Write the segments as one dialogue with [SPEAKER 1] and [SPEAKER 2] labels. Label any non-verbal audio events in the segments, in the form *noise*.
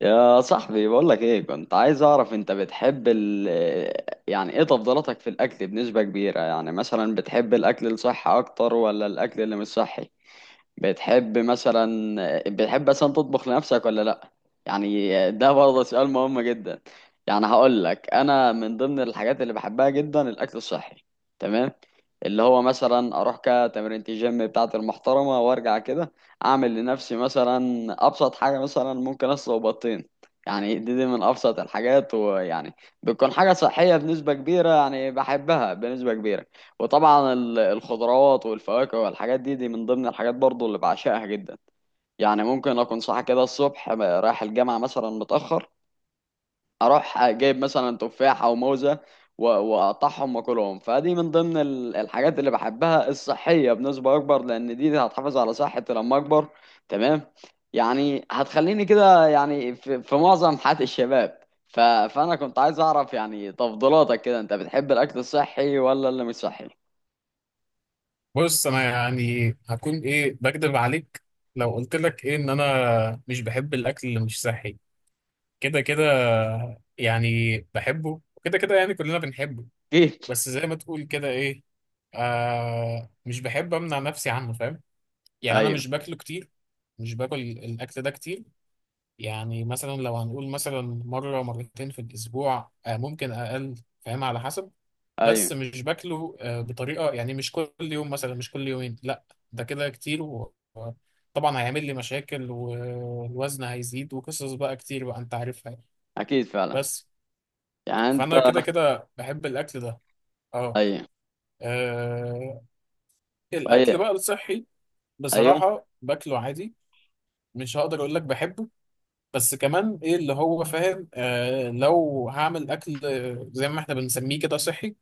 [SPEAKER 1] يا صاحبي، بقول لك ايه، كنت عايز اعرف انت بتحب يعني ايه تفضيلاتك في الاكل بنسبة كبيرة؟ يعني مثلا بتحب الاكل الصحي اكتر ولا الاكل اللي مش صحي؟ بتحب مثلا بتحب مثلا تطبخ لنفسك ولا لا؟ يعني ده برضه سؤال مهم جدا. يعني هقول لك، انا من ضمن الحاجات اللي بحبها جدا الاكل الصحي. تمام. اللي هو مثلا اروح كتمرينة الجيم بتاعتي المحترمه وارجع كده، اعمل لنفسي مثلا ابسط حاجه، مثلا ممكن اسلق بطين. يعني دي من ابسط الحاجات، ويعني بتكون حاجه صحيه بنسبه كبيره، يعني بحبها بنسبه كبيره. وطبعا الخضروات والفواكه والحاجات دي من ضمن الحاجات برضو اللي بعشقها جدا. يعني ممكن اكون صاحي كده الصبح رايح الجامعة مثلا متأخر، اروح جايب مثلا تفاح او موزة، واقطعهم واكلهم. فدي من ضمن الحاجات اللي بحبها الصحية بنسبة اكبر، لان دي هتحافظ على صحتي لما اكبر. تمام. يعني هتخليني كده يعني في معظم حياة الشباب. فانا كنت عايز اعرف يعني تفضيلاتك كده، انت بتحب الاكل الصحي ولا اللي مش صحي؟
[SPEAKER 2] بص انا يعني هكون ايه بكدب عليك لو قلت لك ايه ان انا مش بحب الاكل اللي مش صحي. كده كده يعني بحبه، وكده كده يعني كلنا بنحبه.
[SPEAKER 1] اكيد.
[SPEAKER 2] بس زي ما تقول كده ايه، آه مش بحب امنع نفسي عنه، فاهم؟ يعني انا
[SPEAKER 1] ايوه.
[SPEAKER 2] مش باكله كتير، مش باكل الاكل ده كتير. يعني مثلا لو هنقول مثلا مره مرتين في الاسبوع، آه ممكن اقل، فاهم؟ على حسب.
[SPEAKER 1] ايوه.
[SPEAKER 2] بس مش باكله آه، بطريقه يعني مش كل يوم مثلا، مش كل يومين، لا. ده كده كتير و- وطبعا هيعمل لي مشاكل، والوزن هيزيد، وقصص بقى كتير بقى انت عارفها يعني.
[SPEAKER 1] اكيد، فعلا.
[SPEAKER 2] بس
[SPEAKER 1] يعني انت.
[SPEAKER 2] فانا كده كده بحب الاكل ده. اه
[SPEAKER 1] ايوه.
[SPEAKER 2] آه، الاكل
[SPEAKER 1] طيب.
[SPEAKER 2] بقى الصحي
[SPEAKER 1] ايوه.
[SPEAKER 2] بصراحه باكله عادي. مش هقدر اقول لك بحبه، بس كمان ايه اللي هو فاهم، آه لو هعمل اكل زي ما احنا بنسميه كده صحي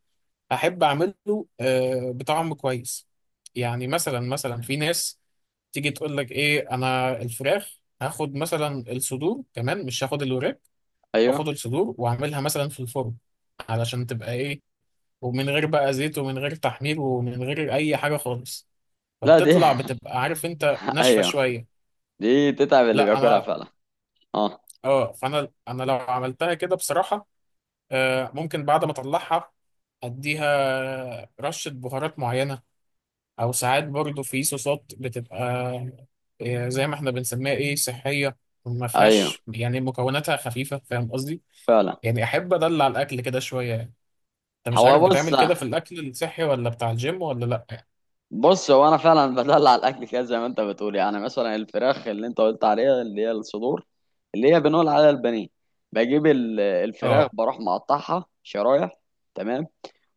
[SPEAKER 2] احب اعمله. آه، بطعم كويس. يعني مثلا في ناس تيجي تقول لك ايه، انا الفراخ هاخد مثلا الصدور، كمان مش هاخد الوراك، هاخد
[SPEAKER 1] ايوه.
[SPEAKER 2] الصدور واعملها مثلا في الفرن، علشان تبقى ايه، ومن غير بقى زيت ومن غير تحمير ومن غير اي حاجه خالص.
[SPEAKER 1] لا، دي
[SPEAKER 2] فبتطلع
[SPEAKER 1] *laughs*
[SPEAKER 2] بتبقى عارف انت ناشفه
[SPEAKER 1] ايوه،
[SPEAKER 2] شويه.
[SPEAKER 1] دي تتعب اللي
[SPEAKER 2] لا
[SPEAKER 1] بياكلها
[SPEAKER 2] انا،
[SPEAKER 1] فعلا. اه.
[SPEAKER 2] اه فانا انا لو عملتها كده بصراحه آه، ممكن بعد ما اطلعها اديها رشه بهارات معينه، او ساعات برضو في صوصات بتبقى آه، زي ما احنا بنسميها ايه صحيه، ما
[SPEAKER 1] ايوه.
[SPEAKER 2] فيهاش يعني مكوناتها خفيفه، فاهم قصدي؟
[SPEAKER 1] فعلا.
[SPEAKER 2] يعني احب ادلع الاكل كده شويه يعني. انت مش عارف
[SPEAKER 1] هو بص.
[SPEAKER 2] بتعمل كده في الاكل الصحي ولا بتاع الجيم ولا لا؟
[SPEAKER 1] بص، هو انا فعلا بدلع الاكل كده زي ما انت بتقول، يعني مثلا الفراخ اللي انت قلت عليها اللي هي الصدور، اللي هي بنقول عليها البانيه. بجيب الفراخ،
[SPEAKER 2] اه،
[SPEAKER 1] بروح مقطعها شرايح. تمام.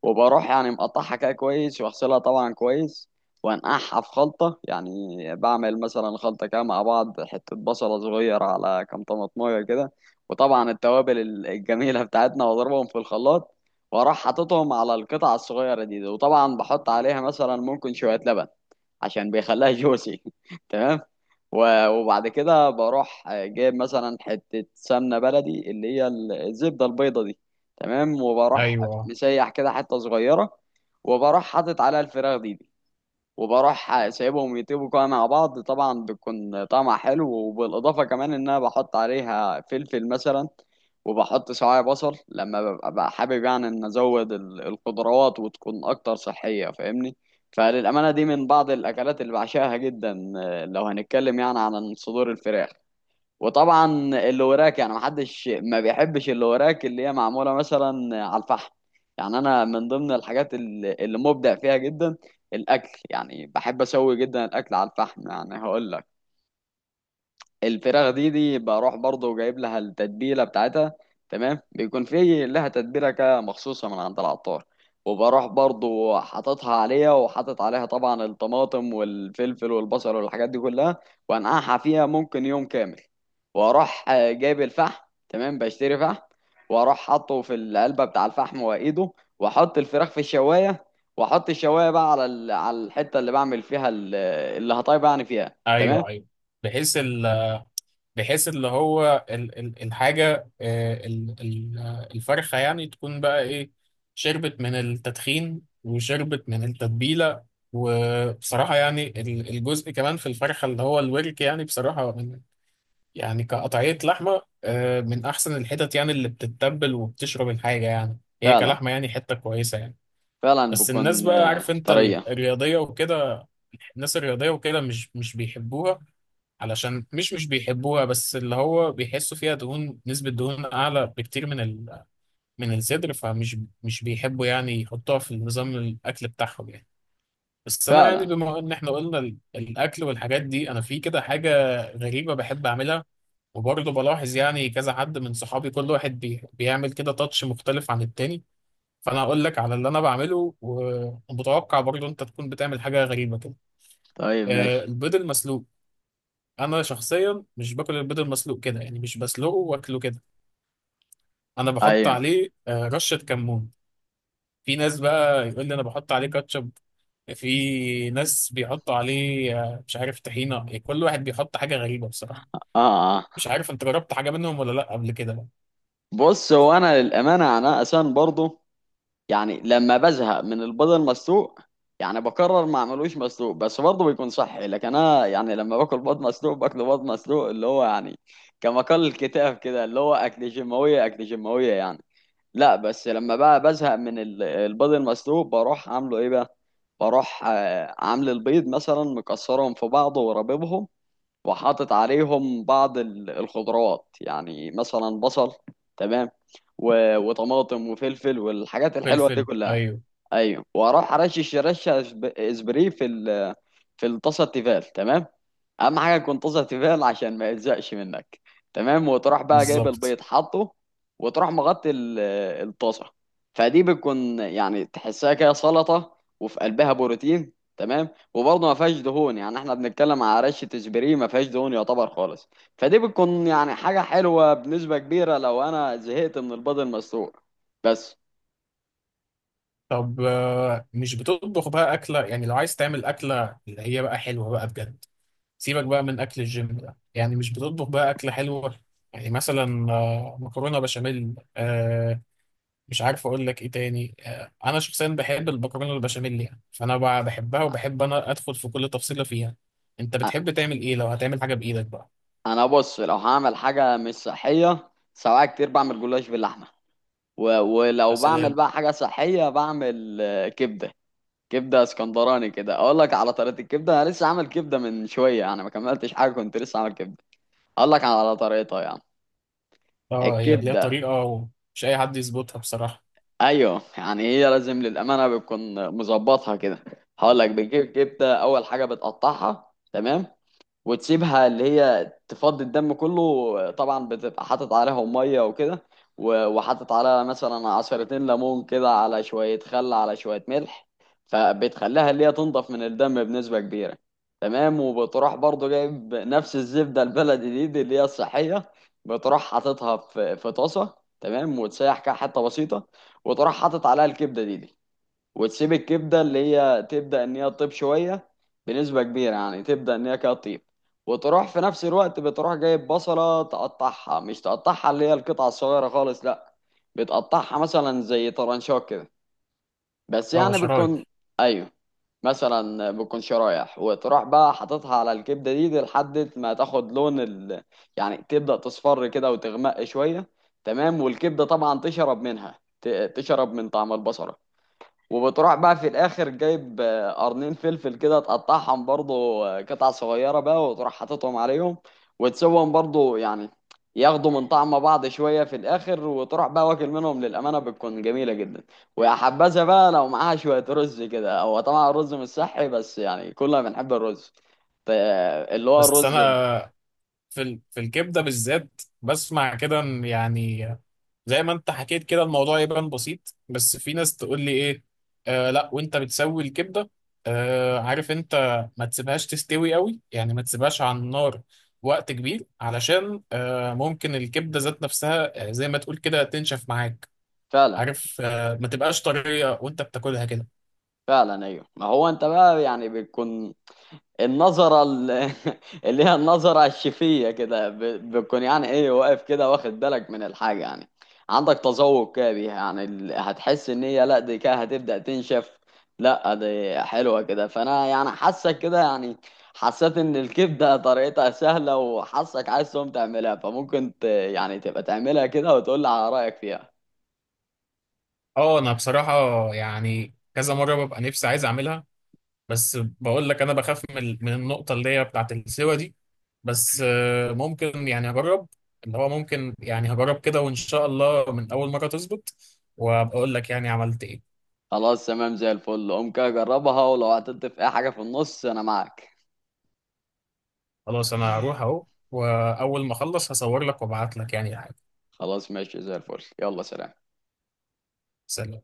[SPEAKER 1] وبروح يعني مقطعها كده كويس، واغسلها طبعا كويس، وانقعها في خلطة. يعني بعمل مثلا خلطة كده مع بعض، حتة بصلة صغيرة على كام طماطمية كده، وطبعا التوابل الجميلة بتاعتنا، واضربهم في الخلاط، واروح حاططهم على القطعة الصغيرة دي، وطبعا بحط عليها مثلا ممكن شوية لبن عشان بيخليها جوسي *laughs* تمام. وبعد كده بروح جايب مثلا حتة سمنة بلدي اللي هي الزبدة البيضة دي. تمام. وبروح
[SPEAKER 2] ايوه آه،
[SPEAKER 1] مسيح كده حتة صغيرة، وبروح حاطط عليها الفراخ دي، وبروح سايبهم يطيبوا كده مع بعض. طبعا بيكون طعمها حلو، وبالإضافة كمان إن أنا بحط عليها فلفل مثلا، وبحط سواعي بصل لما ببقى حابب، يعني إن أزود الخضروات وتكون أكتر صحية، فاهمني؟ فللأمانة دي من بعض الأكلات اللي بعشقها جدا. آه، لو هنتكلم يعني عن صدور الفراخ. وطبعا اللي وراك، يعني محدش ما بيحبش اللي وراك، اللي هي معموله مثلا على الفحم. يعني انا من ضمن الحاجات اللي مبدع فيها جدا الاكل، يعني بحب اسوي جدا الاكل على الفحم. يعني هقول لك، الفراخ دي بروح برضه جايب لها التتبيله بتاعتها. تمام. بيكون في لها تتبيله كده مخصوصه من عند العطار، وبروح برضه حاططها عليها، وحاطط عليها طبعا الطماطم والفلفل والبصل والحاجات دي كلها، وانقعها فيها ممكن يوم كامل، واروح جايب الفحم. تمام. بشتري فحم، واروح حاطه في العلبه بتاع الفحم وايده، واحط الفراخ في الشوايه، واحط الشوايه بقى على على الحته اللي بعمل فيها اللي هطيب يعني فيها. تمام.
[SPEAKER 2] ايوه ايوه. بحيث ال بحيث اللي هو ال الحاجة آه، ال آه، الفرخة يعني تكون بقى إيه، شربت من التدخين وشربت من التتبيلة. وبصراحة يعني الجزء كمان في الفرخة اللي هو الورك، يعني بصراحة من، يعني كقطعية لحمة آه، من أحسن الحتت يعني، اللي بتتبل وبتشرب الحاجة، يعني هي
[SPEAKER 1] فعلا.
[SPEAKER 2] كلحمة يعني حتة كويسة يعني.
[SPEAKER 1] فعلا
[SPEAKER 2] بس الناس
[SPEAKER 1] بكون
[SPEAKER 2] بقى، عارف أنت
[SPEAKER 1] طرية.
[SPEAKER 2] الرياضية وكده، الناس الرياضية وكده مش بيحبوها، علشان مش بيحبوها، بس اللي هو بيحسوا فيها دهون، نسبة دهون أعلى بكتير من ال... من الصدر، فمش، مش بيحبوا يعني يحطوها في نظام الأكل بتاعهم يعني. بس أنا يعني
[SPEAKER 1] فعلا.
[SPEAKER 2] بما إن إحنا قلنا الأكل والحاجات دي، أنا في كده حاجة غريبة بحب أعملها. وبرضه بلاحظ يعني كذا حد من صحابي كل واحد بيعمل كده تاتش مختلف عن التاني. فأنا هقول لك على اللي أنا بعمله، ومتوقع برضه أنت تكون بتعمل حاجة غريبة كده.
[SPEAKER 1] طيب،
[SPEAKER 2] آه،
[SPEAKER 1] ماشي.
[SPEAKER 2] البيض المسلوق. انا شخصيا مش باكل البيض المسلوق كده، يعني مش بسلقه واكله كده. انا بحط
[SPEAKER 1] ايوه.
[SPEAKER 2] عليه آه، رشه كمون. في ناس بقى يقول لي انا بحط عليه كاتشب، في ناس بيحطوا عليه آه، مش عارف طحينه، يعني كل واحد بيحط حاجه غريبه بصراحه.
[SPEAKER 1] اه. اه.
[SPEAKER 2] مش عارف انت جربت حاجه منهم ولا لا قبل كده بقى؟
[SPEAKER 1] بص، هو انا للامانه انا اساسا برضو يعني لما بزهق من البيض المسلوق، يعني بقرر ما اعملوش مسلوق، بس برضه بيكون صحي. لكن انا يعني لما باكل بيض مسلوق، باكل بيض مسلوق اللي هو يعني كما قال الكتاب كده، اللي هو اكل جماويه اكل جماويه يعني. لا، بس لما بقى بزهق من البيض المسلوق، بروح عامله ايه بقى؟ بروح عامل البيض مثلا مكسرهم في بعضه وربيبهم، وحاطط عليهم بعض الخضروات، يعني مثلا بصل. تمام. وطماطم وفلفل والحاجات الحلوة دي
[SPEAKER 2] فلفل،
[SPEAKER 1] كلها.
[SPEAKER 2] ايوه،
[SPEAKER 1] ايوه. واروح ارشش رشه اسبري في في الطاسه التيفال. تمام. اهم حاجه تكون طاسه تيفال عشان ما يلزقش منك. تمام. وتروح بقى جايب
[SPEAKER 2] بالظبط.
[SPEAKER 1] البيض، حاطه، وتروح مغطي الطاسه. فدي بتكون يعني تحسها كده سلطه وفي قلبها بروتين. تمام. وبرضه ما فيهاش دهون، يعني احنا بنتكلم على رشه اسبري ما فيهاش دهون يعتبر خالص. فدي بتكون يعني حاجه حلوه بنسبه كبيره لو انا زهقت من البيض المسلوق. بس.
[SPEAKER 2] طب آه، مش بتطبخ بقى اكله؟ يعني لو عايز تعمل اكله اللي هي بقى حلوه بقى بجد، سيبك بقى من اكل الجيم ده، يعني مش بتطبخ بقى اكله حلوه؟ يعني مثلا آه، مكرونه بشاميل آه، مش عارف اقول لك ايه تاني، آه انا شخصيا بحب المكرونه البشاميل يعني، فانا بقى بحبها وبحب انا ادخل في كل تفصيله فيها. انت بتحب تعمل ايه لو هتعمل حاجه بايدك بقى؟
[SPEAKER 1] انا بص، لو هعمل حاجه مش صحيه سواء كتير بعمل جلاش باللحمه،
[SPEAKER 2] يا
[SPEAKER 1] ولو بعمل
[SPEAKER 2] سلام.
[SPEAKER 1] بقى حاجه صحيه بعمل كبده. كبده اسكندراني كده. اقول لك على طريقه الكبده. انا لسه عامل كبده من شويه، يعني ما كملتش حاجه كنت لسه عامل كبده. اقول لك على طريقتها يعني.
[SPEAKER 2] اه هي ليها
[SPEAKER 1] الكبده.
[SPEAKER 2] طريقه ومش اي حد يظبطها بصراحه.
[SPEAKER 1] ايوه، يعني هي لازم للامانه بتكون مظبطها كده. هقول لك، بتجيب كبده، اول حاجه بتقطعها. تمام. وتسيبها اللي هي تفضي الدم كله، طبعا بتبقى حاطط عليها ميه وكده، وحاطط عليها مثلا عصيرتين ليمون كده على شويه خل على شويه ملح، فبتخليها اللي هي تنضف من الدم بنسبه كبيره. تمام. وبتروح برضو جايب نفس الزبده البلدي دي اللي هي الصحيه، بتروح حاططها في طاسه. تمام. وتسيح كده حته بسيطه، وتروح حاطط عليها الكبده دي. وتسيب الكبده اللي هي تبدا ان هي تطيب شويه بنسبه كبيره، يعني تبدا ان هي كده تطيب. وتروح في نفس الوقت بتروح جايب بصله تقطعها، مش تقطعها اللي هي القطعه الصغيره خالص لا، بتقطعها مثلا زي طرنشات كده، بس
[SPEAKER 2] اه
[SPEAKER 1] يعني بتكون.
[SPEAKER 2] شرايح.
[SPEAKER 1] ايوه، مثلا بتكون شرايح، وتروح بقى حاططها على الكبده دي لحد ما تاخد لون يعني تبدا تصفر كده وتغمق شويه. تمام. والكبده طبعا تشرب منها تشرب من طعم البصله. وبتروح بقى في الاخر جايب قرنين فلفل كده تقطعهم برضو قطع صغيره بقى، وتروح حاططهم عليهم وتسوهم برضو يعني ياخدوا من طعم بعض شويه في الاخر، وتروح بقى واكل منهم للامانه بتكون جميله جدا. ويا حبذا بقى لو معاها شويه رز كده، هو طبعا الرز مش صحي بس يعني كلنا بنحب الرز. اللي هو
[SPEAKER 2] بس
[SPEAKER 1] الرز.
[SPEAKER 2] انا في في الكبده بالذات بسمع كده ان يعني، زي ما انت حكيت كده الموضوع يبان بسيط، بس في ناس تقول لي ايه، آه لا وانت بتسوي الكبده آه، عارف انت، ما تسيبهاش تستوي قوي، يعني ما تسيبهاش على النار وقت كبير، علشان آه ممكن الكبده ذات نفسها آه، زي ما تقول كده تنشف معاك،
[SPEAKER 1] فعلا.
[SPEAKER 2] عارف، آه ما تبقاش طريه وانت بتاكلها كده.
[SPEAKER 1] فعلا، ايوه. ما هو انت بقى يعني بتكون النظرة *laughs* اللي هي النظرة الشفية كده، بتكون يعني ايه واقف كده واخد بالك من الحاجة، يعني عندك تذوق كده بيها، يعني هتحس ان هي لا دي كده هتبدأ تنشف، لا دي حلوة كده. فانا يعني حاسك كده، يعني حسيت ان الكبدة طريقتها سهلة وحاسك عايز تقوم تعملها، فممكن يعني تبقى تعملها كده وتقول لي على رأيك فيها.
[SPEAKER 2] اه انا بصراحه يعني كذا مره ببقى نفسي عايز اعملها، بس بقول لك انا بخاف من النقطه اللي هي بتاعت السوا دي. بس آه، ممكن يعني هجرب، اللي هو ممكن يعني هجرب كده، وان شاء الله من اول مره تظبط، وابقى اقول لك يعني عملت ايه.
[SPEAKER 1] خلاص تمام، زي الفل، قوم كده جربها، ولو عطلت في اي حاجة في النص انا معاك.
[SPEAKER 2] خلاص انا هروح اهو، واول ما اخلص هصور لك وابعت لك يعني حاجه.
[SPEAKER 1] خلاص ماشي، زي الفل، يلا، سلام.
[SPEAKER 2] سلام.